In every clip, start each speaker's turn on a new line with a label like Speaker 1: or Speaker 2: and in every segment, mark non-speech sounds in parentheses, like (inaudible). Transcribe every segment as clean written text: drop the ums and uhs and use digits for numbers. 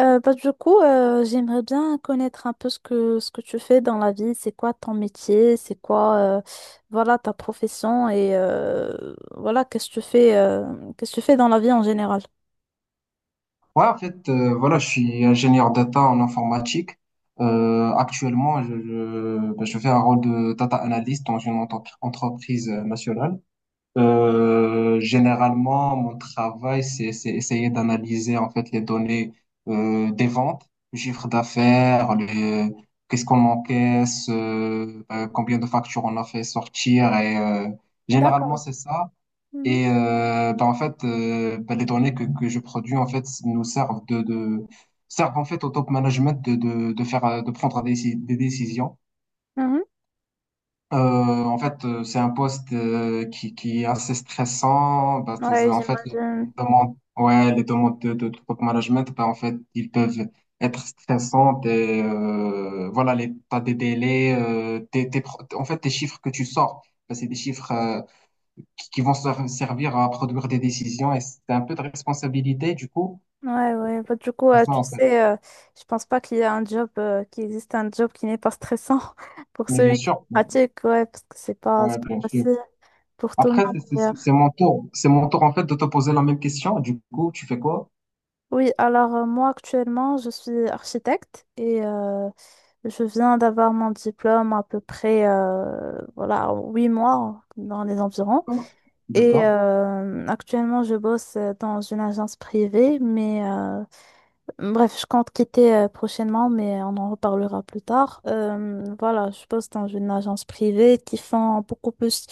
Speaker 1: J'aimerais bien connaître un peu ce que tu fais dans la vie, c'est quoi ton métier, c'est quoi voilà, ta profession et voilà, qu'est-ce que tu fais, qu'est-ce que tu fais dans la vie en général.
Speaker 2: Ouais, en fait, voilà, je suis ingénieur data en informatique. Actuellement, ben, je fais un rôle de data analyst dans une entreprise nationale. Généralement, mon travail, c'est essayer d'analyser en fait les données des ventes, le chiffre d'affaires, les, qu'est-ce qu'on encaisse, combien de factures on a fait sortir. Et généralement,
Speaker 1: D'accord.
Speaker 2: c'est ça.
Speaker 1: Mhm.
Speaker 2: Et bah, en fait, bah, les données que je produis en fait nous servent de servent en fait au top management de faire de prendre des décisions.
Speaker 1: Mhm.
Speaker 2: En fait, c'est un poste qui est assez stressant. Bah,
Speaker 1: Ouais,
Speaker 2: en fait, les
Speaker 1: j'imagine.
Speaker 2: demandes, ouais, les demandes de top management, bah, en fait, ils peuvent être stressantes. Et, voilà, les, t'as des délais, en fait, tes chiffres que tu sors, bah, c'est des chiffres qui vont servir à produire des décisions. Et c'est un peu de responsabilité, du coup
Speaker 1: Ouais, ouais.
Speaker 2: c'est ça
Speaker 1: Tu
Speaker 2: en fait.
Speaker 1: sais, je pense pas qu'il y a un job, qui existe un job qui n'est pas stressant (laughs) pour
Speaker 2: Mais bien
Speaker 1: celui qui
Speaker 2: sûr,
Speaker 1: pratique, ouais, parce que
Speaker 2: ouais,
Speaker 1: c'est pas
Speaker 2: bien sûr.
Speaker 1: facile pour tout le
Speaker 2: Après
Speaker 1: monde.
Speaker 2: c'est mon tour, en fait, de te poser la même question. Du coup, tu fais quoi?
Speaker 1: Oui, alors moi actuellement je suis architecte et je viens d'avoir mon diplôme à peu près voilà 8 mois dans les environs et
Speaker 2: D'accord.
Speaker 1: euh, actuellement je bosse dans une agence privée mais bref je compte quitter prochainement mais on en reparlera plus tard. Voilà je bosse dans une agence privée qui font beaucoup plus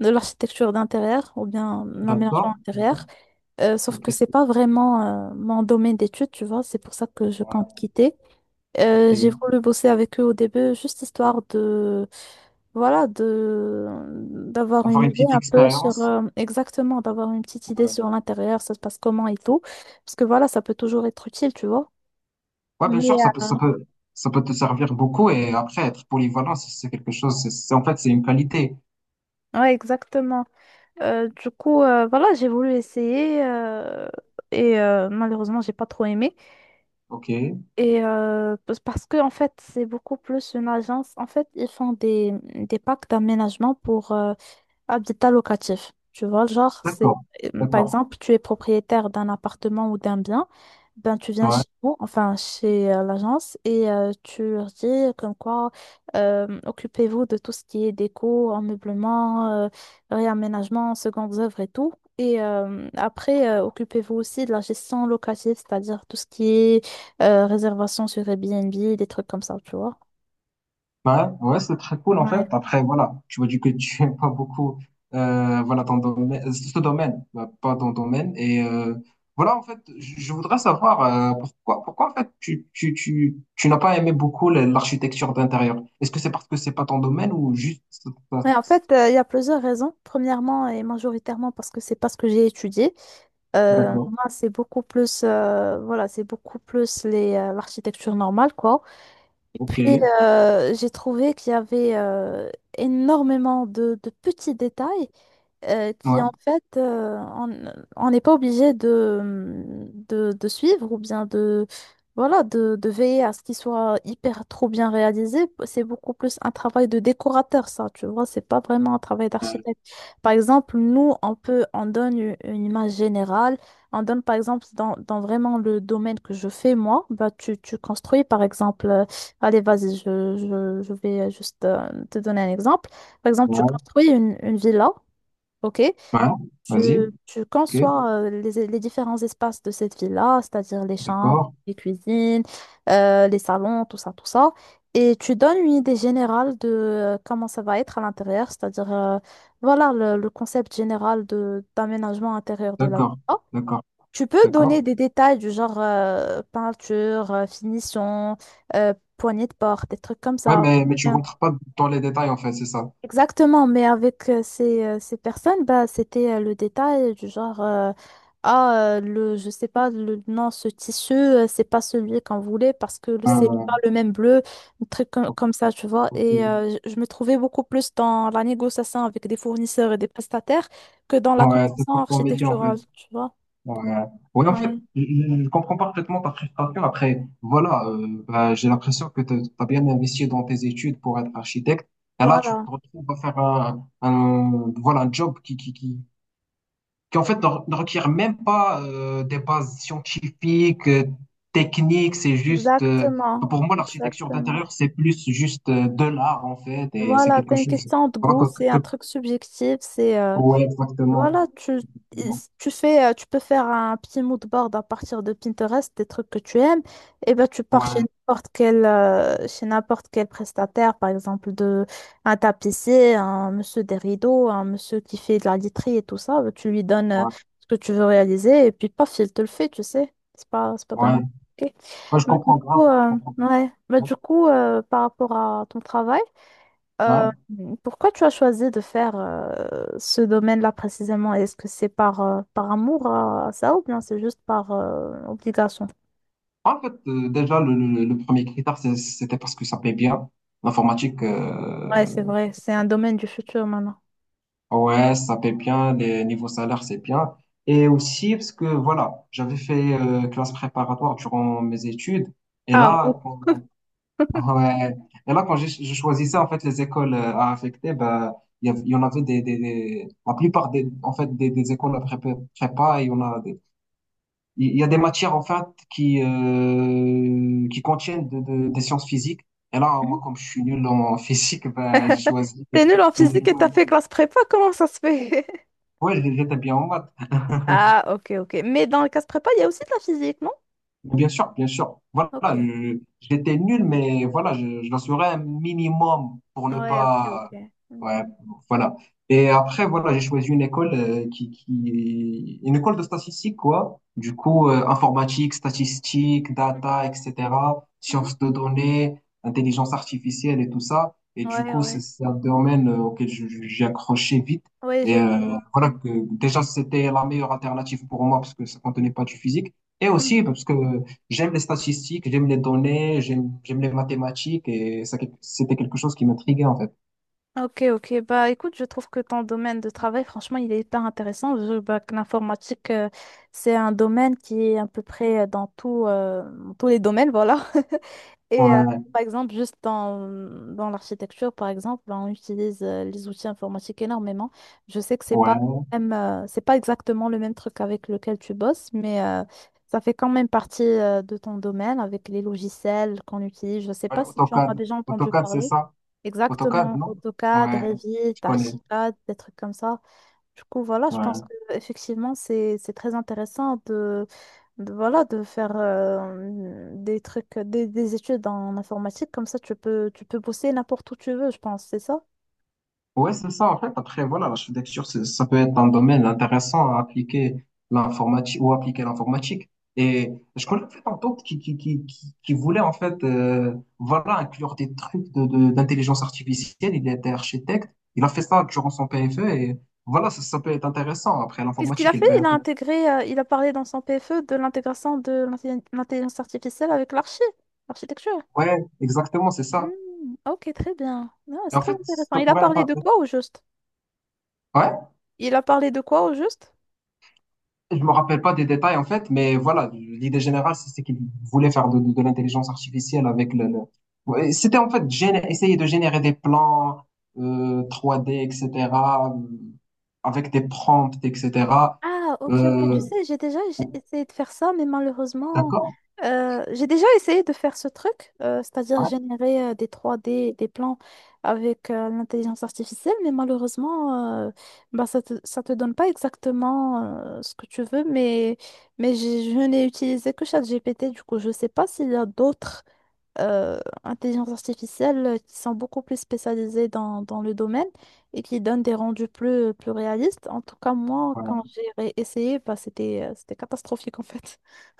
Speaker 1: de l'architecture d'intérieur ou bien
Speaker 2: D'accord.
Speaker 1: l'aménagement
Speaker 2: D'accord.
Speaker 1: intérieur. Sauf
Speaker 2: Ok.
Speaker 1: que c'est pas vraiment mon domaine d'études, tu vois, c'est pour ça que je compte
Speaker 2: Ouais,
Speaker 1: quitter. J'ai
Speaker 2: ok.
Speaker 1: voulu bosser avec eux au début, juste histoire de, voilà, de, d'avoir
Speaker 2: Avoir
Speaker 1: une
Speaker 2: une
Speaker 1: idée
Speaker 2: petite
Speaker 1: un peu sur,
Speaker 2: expérience.
Speaker 1: exactement, d'avoir une petite idée
Speaker 2: Ouais.
Speaker 1: sur l'intérieur, ça se passe comment et tout. Parce que voilà, ça peut toujours être utile, tu vois.
Speaker 2: Ouais, bien
Speaker 1: Mais,
Speaker 2: sûr, ça peut
Speaker 1: euh,
Speaker 2: ça peut ça peut te servir beaucoup. Et après, être polyvalent, c'est quelque chose, en fait c'est une qualité.
Speaker 1: ouais, exactement. Voilà, j'ai voulu essayer et malheureusement, j'ai pas trop aimé.
Speaker 2: Ok,
Speaker 1: Parce que en fait, c'est beaucoup plus une agence. En fait, ils font des packs d'aménagement pour, habitat locatif. Tu vois, genre, c'est
Speaker 2: d'accord,
Speaker 1: par
Speaker 2: d'accord.
Speaker 1: exemple, tu es propriétaire d'un appartement ou d'un bien, ben tu viens
Speaker 2: Ouais,
Speaker 1: chez nous, enfin chez l'agence, et tu leur dis comme quoi occupez-vous de tout ce qui est déco, ameublement, réaménagement, secondes œuvres et tout. Et après, occupez-vous aussi de la gestion locative, c'est-à-dire tout ce qui est réservation sur Airbnb, des trucs comme ça, tu vois.
Speaker 2: bah, ouais, ouais, c'est très cool en fait.
Speaker 1: Ouais.
Speaker 2: Après, voilà, tu m'as dit que (laughs) tu aimes pas beaucoup, voilà, ton domaine, ce domaine, bah, pas ton domaine. Et voilà, en fait, je voudrais savoir pourquoi, pourquoi en fait tu n'as pas aimé beaucoup l'architecture d'intérieur. Est-ce que c'est parce que c'est pas ton domaine, ou juste ça-
Speaker 1: Ouais, en fait, il y a plusieurs raisons. Premièrement et majoritairement parce que c'est pas ce que j'ai étudié.
Speaker 2: D'accord,
Speaker 1: Moi, c'est beaucoup plus, voilà, c'est beaucoup plus les, l'architecture normale, quoi. Et
Speaker 2: ok,
Speaker 1: puis,
Speaker 2: ouais,
Speaker 1: j'ai trouvé qu'il y avait énormément de petits détails qui en fait, on n'est pas obligé de, de suivre ou bien de, de veiller à ce qu'il soit hyper trop bien réalisé. C'est beaucoup plus un travail de décorateur, ça, tu vois, c'est pas vraiment un travail
Speaker 2: euh,
Speaker 1: d'architecte. Par exemple, nous, on donne une image générale, on donne par exemple dans vraiment le domaine que je fais moi, bah, tu construis par exemple, allez, vas-y, je vais juste te donner un exemple. Par exemple, tu
Speaker 2: ouais,
Speaker 1: construis une villa. Ok,
Speaker 2: ouais,
Speaker 1: tu,
Speaker 2: vas-y,
Speaker 1: tu
Speaker 2: ok,
Speaker 1: conçois les différents espaces de cette ville-là, c'est-à-dire les chambres,
Speaker 2: d'accord,
Speaker 1: les cuisines, les salons, tout ça, et tu donnes une idée générale de comment ça va être à l'intérieur, c'est-à-dire voilà le concept général de d'aménagement intérieur de la
Speaker 2: d'accord,
Speaker 1: villa.
Speaker 2: d'accord,
Speaker 1: Tu peux donner
Speaker 2: d'accord.
Speaker 1: des détails du genre peinture, finition, poignée de porte, des trucs comme
Speaker 2: Ouais,
Speaker 1: ça.
Speaker 2: mais tu rentres pas dans les détails en fait, c'est ça.
Speaker 1: Exactement, mais avec ces, ces personnes, bah, c'était le détail du genre, ah, le, je sais pas, le, non, ce tissu, c'est pas celui qu'on voulait parce que
Speaker 2: Ah,
Speaker 1: c'est
Speaker 2: ouais,
Speaker 1: pas le même bleu, un truc
Speaker 2: ok.
Speaker 1: comme, ça, tu vois. Et
Speaker 2: Ok.
Speaker 1: euh, je me trouvais beaucoup plus dans la négociation avec des fournisseurs et des prestataires que dans la
Speaker 2: Ouais, c'est
Speaker 1: conception
Speaker 2: pas pour métier en fait.
Speaker 1: architecturale, tu vois.
Speaker 2: Ouais. Ouais, en fait,
Speaker 1: Oui,
Speaker 2: je comprends parfaitement ta frustration. Après, voilà, bah, j'ai l'impression que tu as bien investi dans tes études pour être architecte. Et là, tu te
Speaker 1: voilà,
Speaker 2: retrouves à faire voilà, un job qui, en fait, ne requiert même pas des bases scientifiques, techniques. C'est juste,
Speaker 1: exactement,
Speaker 2: pour moi, l'architecture
Speaker 1: exactement.
Speaker 2: d'intérieur, c'est plus juste de l'art, en fait. Et c'est
Speaker 1: Voilà,
Speaker 2: quelque
Speaker 1: c'est une
Speaker 2: chose,
Speaker 1: question de
Speaker 2: voilà,
Speaker 1: goût, c'est un truc subjectif, c'est...
Speaker 2: ouais, exactement.
Speaker 1: voilà, tu fais, tu peux faire un petit mood board à partir de Pinterest, des trucs que tu aimes, et ben tu pars
Speaker 2: Ouais,
Speaker 1: chez n'importe quel prestataire, par exemple de un tapissier, un monsieur des rideaux, un monsieur qui fait de la literie et tout ça, ben, tu lui donnes
Speaker 2: ouais,
Speaker 1: ce que tu veux réaliser, et puis paf, il te le fait, tu sais. C'est pas vraiment
Speaker 2: ouais.
Speaker 1: compliqué.
Speaker 2: Ouais, je comprends grave. Je comprends
Speaker 1: Ouais.
Speaker 2: grave.
Speaker 1: Par rapport à ton travail, euh,
Speaker 2: Ouais.
Speaker 1: pourquoi tu as choisi de faire ce domaine-là précisément? Est-ce que c'est par, par amour à, ça ou bien c'est juste par obligation?
Speaker 2: En fait, déjà, le premier critère, c'était parce que ça paye bien. L'informatique,
Speaker 1: Ouais, c'est vrai, c'est un domaine du futur maintenant.
Speaker 2: ouais, ça paye bien. Les niveaux salaires, c'est bien. Et aussi parce que, voilà, j'avais fait classe préparatoire durant mes études. Et
Speaker 1: Ah,
Speaker 2: là,
Speaker 1: oh.
Speaker 2: quand, (laughs) ouais. Et là, quand je choisissais, en fait, les écoles à affecter, ben, il y en avait la plupart des, en fait, des écoles à prépa, prépa, il y en a des il y a des matières en fait qui contiennent des sciences physiques. Et là,
Speaker 1: Mhm.
Speaker 2: moi, comme je suis nul en physique, ben, j'ai choisi
Speaker 1: T'es nul en
Speaker 2: une
Speaker 1: physique et t'as
Speaker 2: école.
Speaker 1: fait classe prépa, (laughs) comment ça se fait? (laughs)
Speaker 2: Ouais, j'étais bien en maths.
Speaker 1: Ah, ok, ok. Mais dans le classe prépa, il y a aussi de la physique, non?
Speaker 2: Bien sûr, bien sûr. Voilà,
Speaker 1: Ok.
Speaker 2: j'étais nul, mais voilà, je l'assurais un minimum pour ne
Speaker 1: Ouais, ok, ok.
Speaker 2: pas. Ouais,
Speaker 1: Mm.
Speaker 2: voilà. Et après, voilà, j'ai choisi une école une école de statistique, quoi. Du coup, informatique, statistique, data,
Speaker 1: Mhm,
Speaker 2: etc.,
Speaker 1: mhm.
Speaker 2: sciences de données, intelligence artificielle et tout ça. Et du
Speaker 1: Ouais,
Speaker 2: coup, c'est
Speaker 1: ouais.
Speaker 2: c'est un domaine auquel j'ai accroché vite.
Speaker 1: Ouais,
Speaker 2: Et
Speaker 1: j'ai vu.
Speaker 2: voilà que déjà, c'était la meilleure alternative pour moi parce que ça contenait pas du physique. Et
Speaker 1: Mm.
Speaker 2: aussi parce que j'aime les statistiques, j'aime les données, j'aime les mathématiques. Et c'était quelque chose qui m'intriguait en fait.
Speaker 1: Ok, ok. Bah, écoute, je trouve que ton domaine de travail, franchement, il est hyper intéressant. Bah, que l'informatique, c'est un domaine qui est à peu près dans tout, dans tous les domaines, voilà. (laughs) Et euh,
Speaker 2: Ouais,
Speaker 1: Par exemple, juste dans, dans l'architecture, par exemple, ben, on utilise les outils informatiques énormément. Je sais que c'est
Speaker 2: ouais,
Speaker 1: pas même, c'est pas exactement le même truc avec lequel tu bosses, mais ça fait quand même partie de ton domaine avec les logiciels qu'on utilise. Je sais
Speaker 2: ouais,
Speaker 1: pas si tu en as
Speaker 2: AutoCAD,
Speaker 1: déjà entendu
Speaker 2: AutoCAD c'est
Speaker 1: parler.
Speaker 2: ça, AutoCAD
Speaker 1: Exactement,
Speaker 2: non?
Speaker 1: AutoCAD,
Speaker 2: Ouais,
Speaker 1: Revit,
Speaker 2: je connais.
Speaker 1: Archicad, des trucs comme ça. Du coup, voilà, je pense
Speaker 2: Ouais.
Speaker 1: que effectivement, c'est très intéressant de, voilà de faire des trucs des études en informatique comme ça tu peux bosser n'importe où tu veux, je pense, c'est ça?
Speaker 2: Ouais, c'est ça, en fait. Après, voilà, l'architecture, ça peut être un domaine intéressant à appliquer l'informatique, ou appliquer l'informatique. Et je connais en fait un tante qui voulait, en fait, voilà, inclure des trucs d'intelligence artificielle. Il était architecte. Il a fait ça durant son PFE. Et voilà, ça peut être intéressant. Après,
Speaker 1: Qu'est-ce qu'il a
Speaker 2: l'informatique, elle
Speaker 1: fait?
Speaker 2: peut
Speaker 1: Il a
Speaker 2: être...
Speaker 1: intégré, il a parlé dans son PFE de l'intégration de l'intelligence artificielle avec l'archi, l'architecture.
Speaker 2: Ouais, exactement, c'est ça.
Speaker 1: Hmm, ok, très bien. Ah,
Speaker 2: Et
Speaker 1: c'est
Speaker 2: en
Speaker 1: très
Speaker 2: fait,
Speaker 1: intéressant.
Speaker 2: ça
Speaker 1: Il a
Speaker 2: pourrait
Speaker 1: parlé de
Speaker 2: être...
Speaker 1: quoi au juste?
Speaker 2: Ouais?
Speaker 1: Il a parlé de quoi au juste?
Speaker 2: Je me rappelle pas des détails en fait, mais voilà, l'idée générale, c'est qu'ils voulaient faire de l'intelligence artificielle avec le Ouais, c'était en fait essayer de générer des plans 3D, etc., euh, avec des prompts, etc.
Speaker 1: Ah, ok, ok. Tu
Speaker 2: Euh,
Speaker 1: sais, j'ai déjà essayé de faire ça, mais malheureusement,
Speaker 2: d'accord?
Speaker 1: j'ai déjà essayé de faire ce truc, c'est-à-dire
Speaker 2: Ouais.
Speaker 1: générer des trois d des plans avec l'intelligence artificielle, mais malheureusement, bah, ça te donne pas exactement ce que tu veux, mais je n'ai utilisé que ChatGPT, du coup, je sais pas s'il y a d'autres euh, intelligence artificielle qui sont beaucoup plus spécialisées dans, dans le domaine et qui donnent des rendus plus, plus réalistes. En tout cas, moi, quand
Speaker 2: Ouais.
Speaker 1: j'ai essayé, bah, c'était, c'était catastrophique en fait. (laughs)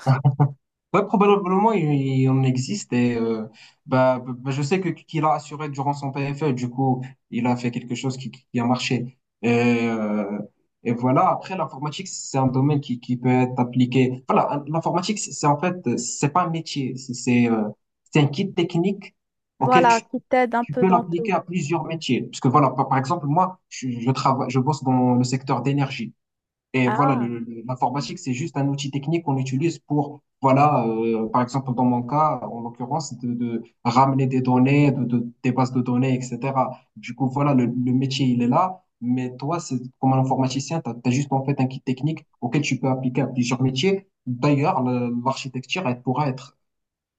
Speaker 2: Ouais, probablement il en existe. Et je sais que qu'il a assuré durant son PFL, du coup il a fait quelque chose qui a marché. Et, voilà, après l'informatique c'est un domaine qui peut être appliqué. Voilà, l'informatique c'est en fait c'est pas un métier, c'est un kit technique auquel
Speaker 1: Voilà,
Speaker 2: tu,
Speaker 1: qui t'aide un
Speaker 2: tu
Speaker 1: peu
Speaker 2: peux
Speaker 1: dans
Speaker 2: l'appliquer
Speaker 1: tout.
Speaker 2: à plusieurs métiers. Parce que voilà, par exemple, moi, je bosse dans le secteur d'énergie. Et voilà,
Speaker 1: Ah,
Speaker 2: l'informatique, c'est juste un outil technique qu'on utilise pour, voilà, par exemple, dans mon cas, en l'occurrence, de ramener des données, des bases de données, etc. Du coup, voilà, le métier, il est là. Mais toi, c'est, comme un informaticien, tu as, juste en fait un kit technique auquel tu peux appliquer à plusieurs métiers. D'ailleurs, l'architecture, elle pourra être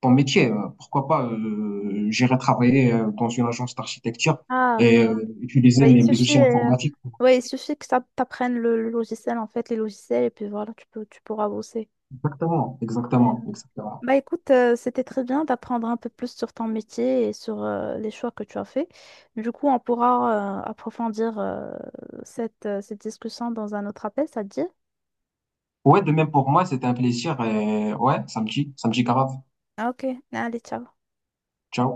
Speaker 2: ton métier. Pourquoi pas, j'irai travailler dans une agence d'architecture,
Speaker 1: ah.
Speaker 2: et utiliser
Speaker 1: Ouais, il
Speaker 2: mes
Speaker 1: suffit,
Speaker 2: outils
Speaker 1: euh,
Speaker 2: informatiques.
Speaker 1: ouais, il suffit que ça t'apprenne le logiciel en fait, les logiciels, et puis voilà, tu peux, tu pourras bosser.
Speaker 2: Exactement,
Speaker 1: Ouais.
Speaker 2: exactement, exactement.
Speaker 1: Bah écoute, c'était très bien d'apprendre un peu plus sur ton métier et sur les choix que tu as faits. Du coup, on pourra approfondir cette, cette discussion dans un autre appel, ça te dit?
Speaker 2: Ouais, de même pour moi, c'était un plaisir. Et ouais, samedi, samedi grave.
Speaker 1: Ah, ok, allez, ciao.
Speaker 2: Ciao.